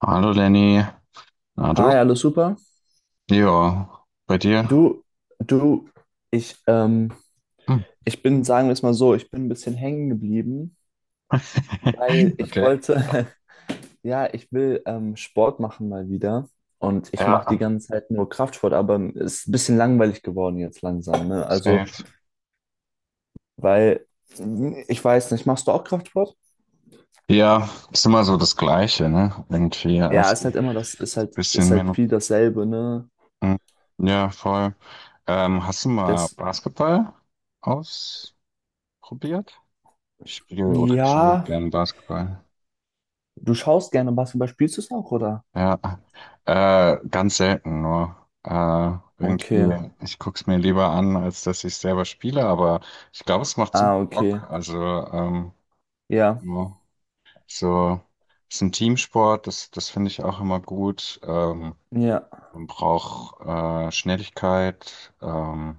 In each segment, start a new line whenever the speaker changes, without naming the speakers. Hallo Lenny, na du?
Hi, alles super?
Ja, bei dir?
Du, du, ich, ähm,
Hm.
ich bin, sagen wir es mal so, ich bin ein bisschen hängen geblieben, weil ich
Okay.
wollte, ja, ich will Sport machen mal wieder, und ich
Ja,
mache die ganze Zeit nur Kraftsport, aber es ist ein bisschen langweilig geworden jetzt langsam, ne? Also,
safe.
weil, ich weiß nicht, machst du auch Kraftsport?
Ja, ist immer so das Gleiche, ne? Irgendwie
Ja,
erst
ist
ein
halt immer das, ist halt, ist
bisschen
halt
Minuten.
viel dasselbe, ne?
Ja, voll. Hast du mal
Das,
Basketball ausprobiert? Ich spiele oder schaue
ja,
gern Basketball.
du schaust gerne Basketball, spielst du es auch, oder?
Ja, ganz selten nur.
Okay,
Irgendwie, ich guck's mir lieber an, als dass ich selber spiele, aber ich glaube, es macht super
ah, okay,
Bock. Also, ähm,
ja,
ja, so, ist ein Teamsport, das finde ich auch immer gut.
ja.
Man braucht Schnelligkeit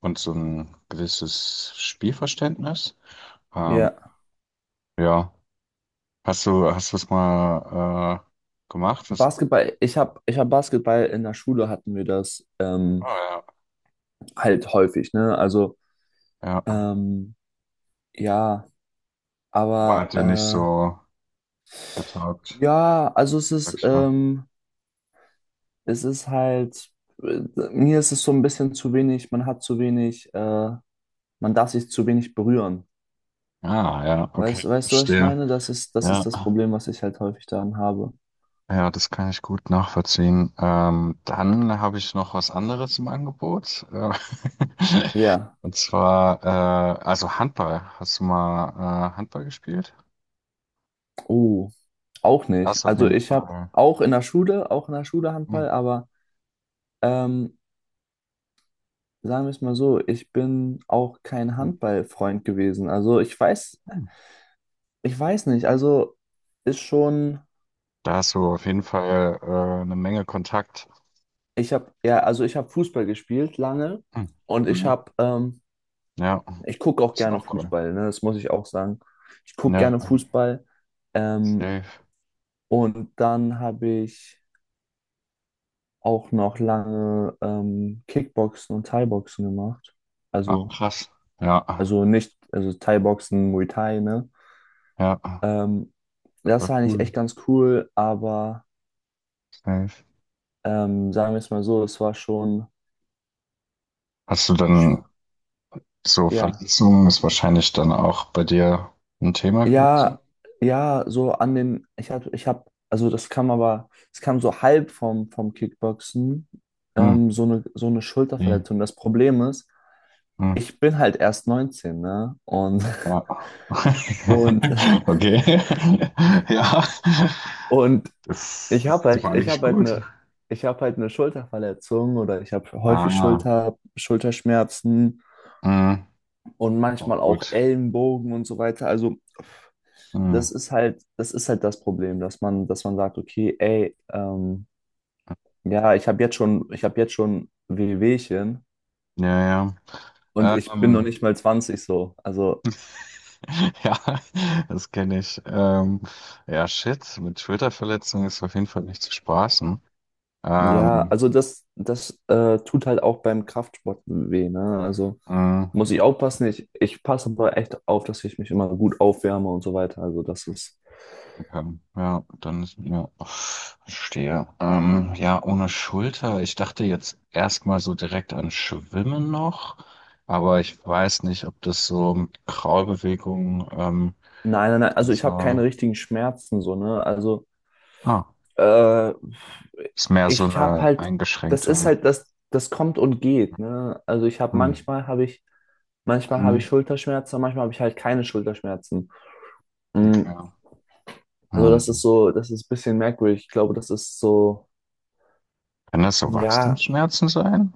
und so ein gewisses Spielverständnis. Ähm,
Ja,
ja, hast du es mal gemacht? Hast,
Basketball, ich hab Basketball, in der Schule hatten wir das
ah, ja,
halt häufig, ne? Also,
ja,
ähm, ja,
aber
aber
hat dir nicht so. Getaugt,
ja, also
sag ich mal.
es ist halt, äh, mir ist es so ein bisschen zu wenig, man hat zu wenig, man darf sich zu wenig berühren.
Ah, ja, okay,
Weißt du, was ich
verstehe.
meine? Das ist das
Ja,
Problem, was ich halt häufig daran habe.
ja, das kann ich gut nachvollziehen. Dann habe ich noch was anderes im Angebot.
Ja,
Und zwar, also Handball. Hast du mal Handball gespielt?
oh, auch
Da
nicht.
hast du auf
Also
jeden
ich habe
Fall,
auch in der Schule
hm,
Handball, aber. Ähm, Sagen wir es mal so, ich bin auch kein
hm,
Handballfreund gewesen. Also ich weiß,
hm.
ich weiß nicht. Also ist schon,
Da hast du auf jeden Fall eine Menge Kontakt.
ich habe ja, also ich habe Fußball gespielt lange,
Hm.
und
Mhm. Ja,
ich gucke auch
das ist
gerne
auch cool.
Fußball, ne? Das muss ich auch sagen. Ich gucke
Ja,
gerne Fußball. Ähm,
safe.
und dann habe ich auch noch lange Kickboxen und Thai-Boxen gemacht.
Ah,
Also,
krass. Ja,
also nicht, also Thai-Boxen, Muay Thai, ne?
ja,
Ähm,
voll
das war eigentlich
cool.
echt ganz cool, aber
Safe.
sagen wir es mal so, es war schon,
Hast du dann
schw-
so
ja,
Verletzungen, ist wahrscheinlich dann auch bei dir ein Thema gewesen.
ja, ja, so an den, also es kam so halb vom, Kickboxen,
Hm,
so eine
wie?
Schulterverletzung. Das Problem ist,
Hm,
ich bin halt erst 19, ne? Und,
ja.
und,
Okay. Ja.
und
Das
ich habe
ist doch
halt, ich
eigentlich
habe halt
gut.
eine, ich habe halt eine Schulterverletzung, oder ich habe häufig
Ah,
Schulterschmerzen
hm.
und
Oh,
manchmal auch
gut.
Ellenbogen und so weiter. Also
Hm.
das ist halt das Problem, dass man sagt, okay, ey, ja, ich habe jetzt schon Wehwehchen,
Ja, ja.
und ich bin noch nicht mal 20, so. Also
Ja, das kenne ich. Ja, shit, mit Schulterverletzung ist auf jeden Fall nicht zu spaßen.
ja,
Ähm,
also das tut halt auch beim Kraftsport weh, ne? Also
hm.
muss ich aufpassen. Ich passe aber echt auf, dass ich mich immer gut aufwärme und so weiter. Also das ist,
Ja, dann ist ja, verstehe. Ja, ohne Schulter. Ich dachte jetzt erstmal so direkt an Schwimmen noch, aber ich weiß nicht, ob das so mit Kraulbewegung
nein, nein, nein.
dann
Also ich habe keine
so.
richtigen Schmerzen so, ne? Also
Ah,
Äh,
ist mehr so
ich habe
eine
halt,
eingeschränkte.
das kommt und geht, ne? Also ich habe
Hm.
manchmal habe
Hm.
ich Schulterschmerzen, manchmal habe ich halt keine Schulterschmerzen. Mm,
Okay.
Also das
Hm.
ist so, das ist ein bisschen merkwürdig. Ich glaube, das ist so,
Kann das so
ja,
Wachstumsschmerzen sein?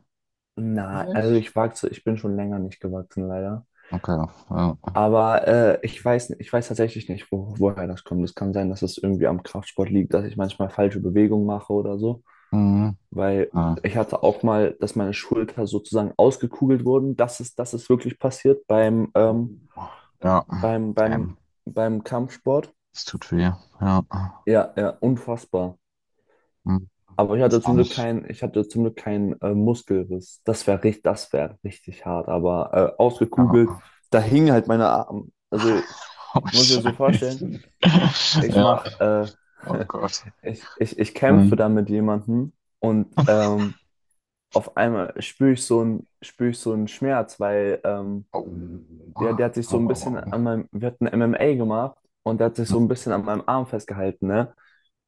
na, also
Vielleicht?
ich wachse, ich bin schon länger nicht gewachsen, leider.
Okay. Ja.
Aber ich weiß tatsächlich nicht, woher das kommt. Es kann sein, dass es irgendwie am Kraftsport liegt, dass ich manchmal falsche Bewegungen mache oder so.
Hm.
Weil
Ja.
ich hatte auch mal, dass meine Schulter sozusagen ausgekugelt wurden. Das ist wirklich passiert
Oh. Ja.
beim, beim,
Damn.
beim Kampfsport.
Es tut weh. Ja.
Ja, ja, unfassbar.
Hm.
Aber
Wahrscheinlich.
ich hatte zum Glück keinen Muskelriss. Das wäre richtig hart. Aber ausgekugelt,
Ja.
da hingen halt meine Arme. Also
Oh,
muss ich dir so vorstellen,
Scheiße.
ich
Ja,
mache,
oh
äh,
Gott.
ich kämpfe
Mhm.
da mit jemandem, und auf einmal spüre ich so einen Schmerz, weil
Au.
ja, der hat sich
Au,
so ein bisschen
au, au.
an meinem, wir hatten MMA gemacht, und der hat sich so ein bisschen an meinem Arm festgehalten, ne?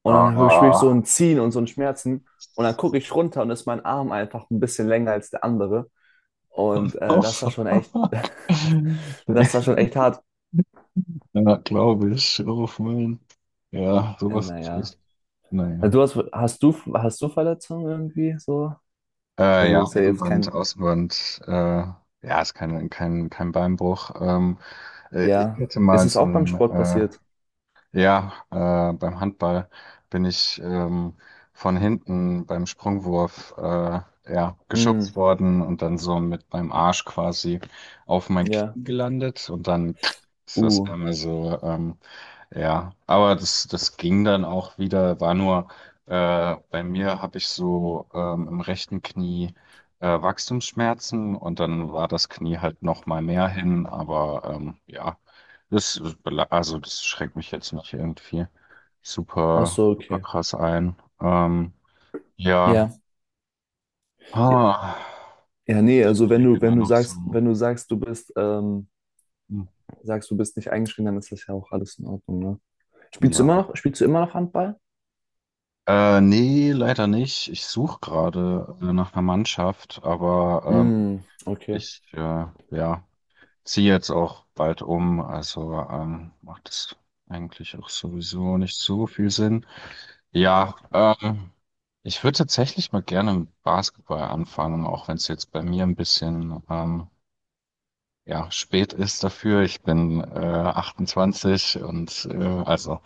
Und dann spüre ich so
Ah.
ein Ziehen und so ein Schmerzen, und dann gucke ich runter und ist mein Arm einfach ein bisschen länger als der andere. Und
Oh,
das war
fuck.
schon echt, das war schon echt hart.
Ja, glaube ich. Oh, Mann. Ja, sowas ist
Naja.
echt. Naja.
Du hast, hast du Verletzungen irgendwie so? Also
Ja,
ist ja jetzt
Innenband,
kein,
Außenband. Ja, ist kein Beinbruch. Ich
ja.
hätte
Ist
mal
es
so
auch beim
ein
Sport passiert?
ja, beim Handball bin ich von hinten beim Sprungwurf ja,
Mm,
geschubst worden und dann so mit meinem Arsch quasi auf mein
ja.
Knie gelandet und dann ist das
Uh.
einmal so ja, aber das ging dann auch wieder, war nur, bei mir habe ich so im rechten Knie Wachstumsschmerzen und dann war das Knie halt noch mal mehr hin, aber ja, das, also das schränkt mich jetzt nicht irgendwie
Ach
super,
so,
super
okay.
krass ein. Ja,
Ja. Ja,
ah,
ja, nee,
ich
also wenn
überlege
du,
immer
wenn du
noch so,
sagst, wenn du sagst,
hm,
du bist nicht eingeschränkt, dann ist das ja auch alles in Ordnung, ne? Spielst du immer
ja.
noch, spielst du immer noch Handball?
Nee, leider nicht. Ich suche gerade nach einer Mannschaft, aber
Mm, okay.
ich ja, ziehe jetzt auch bald um, also macht es eigentlich auch sowieso nicht so viel Sinn. Ja, ich würde tatsächlich mal gerne mit Basketball anfangen, auch wenn es jetzt bei mir ein bisschen ja, spät ist dafür. Ich bin 28 und also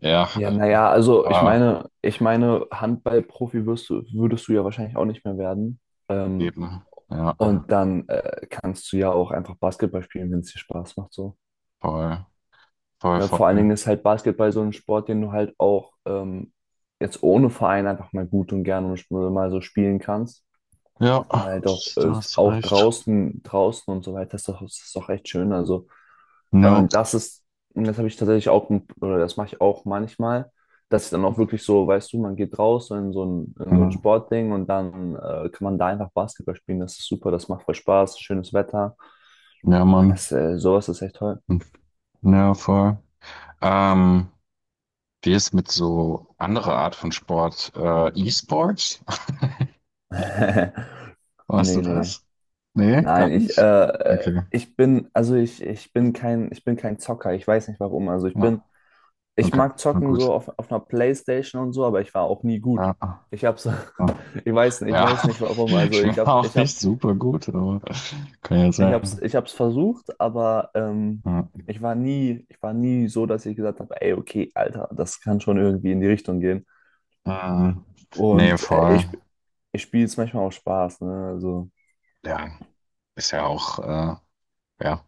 ja,
Ja, naja, also
aber
ich meine, Handballprofi wirst du, würdest du ja wahrscheinlich auch nicht mehr werden. Ähm,
eben, ja,
und dann kannst du ja auch einfach Basketball spielen, wenn es dir Spaß macht, so.
voll, voll,
Ja,
voll.
vor allen Dingen ist halt Basketball so ein Sport, den du halt auch jetzt ohne Verein einfach mal gut und gerne und mal so spielen kannst.
Ja,
Weil doch,
das, du hast
auch
recht.
draußen und so weiter ist doch, echt schön. Also, äh,
Ja,
das ist, das habe ich tatsächlich auch, oder das mache ich auch manchmal, dass ich dann auch wirklich so, weißt du, man geht raus in so ein
hm,
Sportding, und dann kann man da einfach Basketball spielen. Das ist super, das macht voll Spaß, schönes Wetter.
ja, Mann.
Sowas ist echt toll.
Ja, voll. Ähm, wie ist mit so anderer Art von Sport? E-Sports? Warst du
Nee, nee.
das? Nee, gar
Nein,
nicht? Okay.
ich bin kein Zocker. Ich weiß nicht warum. Also
Ja,
ich
okay.
mag
Na
zocken so
gut.
auf einer Playstation und so, aber ich war auch nie gut.
Ja,
Ich hab's,
ja.
ich weiß nicht, ich
Ja.
weiß nicht warum.
Ich
Also
bin
ich hab,
auch
ich hab,
nicht super gut, aber kann ja
ich hab's,
sein.
ich hab's versucht, aber
Ja.
ich war nie so, dass ich gesagt habe, ey, okay, Alter, das kann schon irgendwie in die Richtung gehen.
Ähm, nee,
Und
voll.
ich spiele es manchmal auch Spaß, ne? Also
Ja, ist ja auch, ja.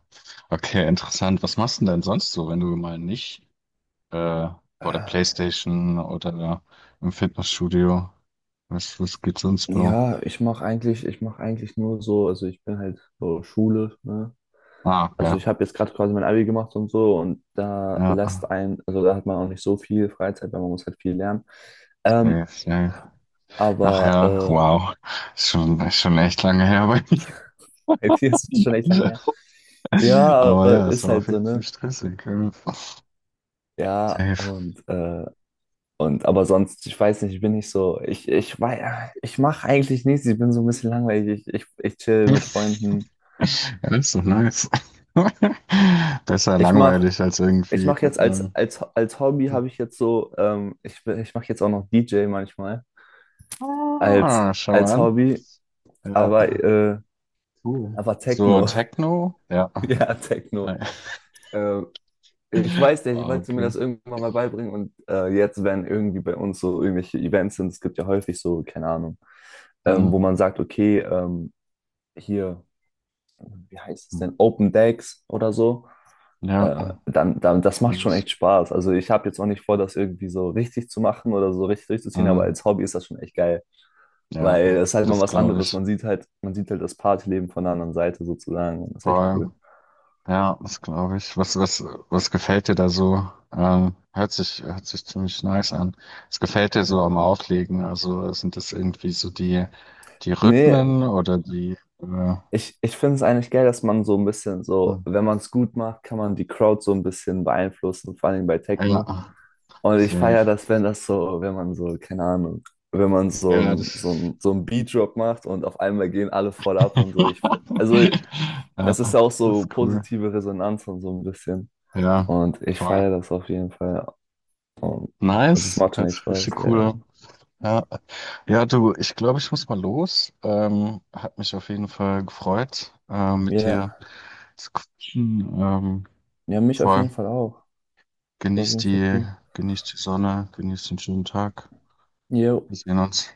Okay, interessant. Was machst du denn sonst so, wenn du mal nicht äh, vor der
äh,
PlayStation oder im Fitnessstudio. Was gibt's sonst, Bro?
ja, ich mache eigentlich nur so, also ich bin halt so Schule, ne?
Ah,
Also
ja.
ich habe jetzt gerade quasi mein Abi gemacht und so, und
Ja,
also da hat man auch nicht so viel Freizeit, weil man muss halt viel lernen. Ähm,
safe. Ach
aber
ja, wow. Ist schon echt lange her bei
bei dir ist es schon echt lange
mir.
her. Ja,
Aber
aber
ja, es
ist
war
halt
auf
so,
jeden Fall
ne?
stressig. Ja.
Ja,
Safe.
und aber sonst, ich weiß nicht, ich bin nicht so, ich weiß, ich mache eigentlich nichts, ich bin so ein bisschen langweilig, ich chill mit Freunden.
Ja, das ist doch nice. Besser
Ich mach,
langweilig als
ich
irgendwie.
mach jetzt als,
Äh,
als, als Hobby habe ich jetzt so, ich mache jetzt auch noch DJ manchmal als,
ah, schau
als
an.
Hobby.
Ja,
Aber, äh,
cool.
aber
So,
Techno.
Techno? Ja.
Ja,
Hi.
Techno. Äh, ich weiß nicht, ich
Wow,
wollte mir
okay.
das irgendwann mal beibringen, und jetzt, wenn irgendwie bei uns so irgendwelche Events sind, es gibt ja häufig so, keine Ahnung,
Hm,
wo man sagt, okay, hier, wie heißt es
hm.
denn, Open Decks oder so,
Ja,
das macht
kenn
schon
ich.
echt Spaß. Also ich habe jetzt auch nicht vor, das irgendwie so richtig zu machen oder so richtig durchzuziehen, aber
Ähm,
als Hobby ist das schon echt geil,
ja,
weil es ist halt mal
das
was
glaube
anderes.
ich.
Man sieht halt das Partyleben von der anderen Seite sozusagen, und das ist echt
Voll.
cool.
Ja, das glaube ich. Was gefällt dir da so? Ähm, hört sich ziemlich nice an. Was gefällt dir so am Auflegen? Also sind das irgendwie so die
Nee,
Rhythmen oder die, äh,
ich finde es eigentlich geil, dass man so ein bisschen
hm,
so, wenn man es gut macht, kann man die Crowd so ein bisschen beeinflussen, vor allem bei Techno.
ja,
Und ich
safe.
feiere das, wenn das so, wenn man so, keine Ahnung, wenn man so
Ja,
ein, so
das,
ein, so ein Beat-Drop macht und auf einmal gehen alle voll ab und so. Also,
ja,
es ist
das
ja auch so
ist cool.
positive Resonanz und so ein bisschen.
Ja,
Und ich
voll.
feiere das auf jeden Fall. Also, es
Nice.
macht schon
Hört
echt
sich
Spaß.
richtig
Ja,
cool
ja.
an. Ja, ja, du, ich glaube, ich muss mal los. Hat mich auf jeden Fall gefreut,
Ja,
mit
ja,
dir zu quatschen.
ja, mich auf jeden
Voll.
Fall auch. War auf
Genieß
jeden Fall
die,
cool.
genieß die Sonne, genieß den schönen Tag.
Jo.
Wir sehen uns.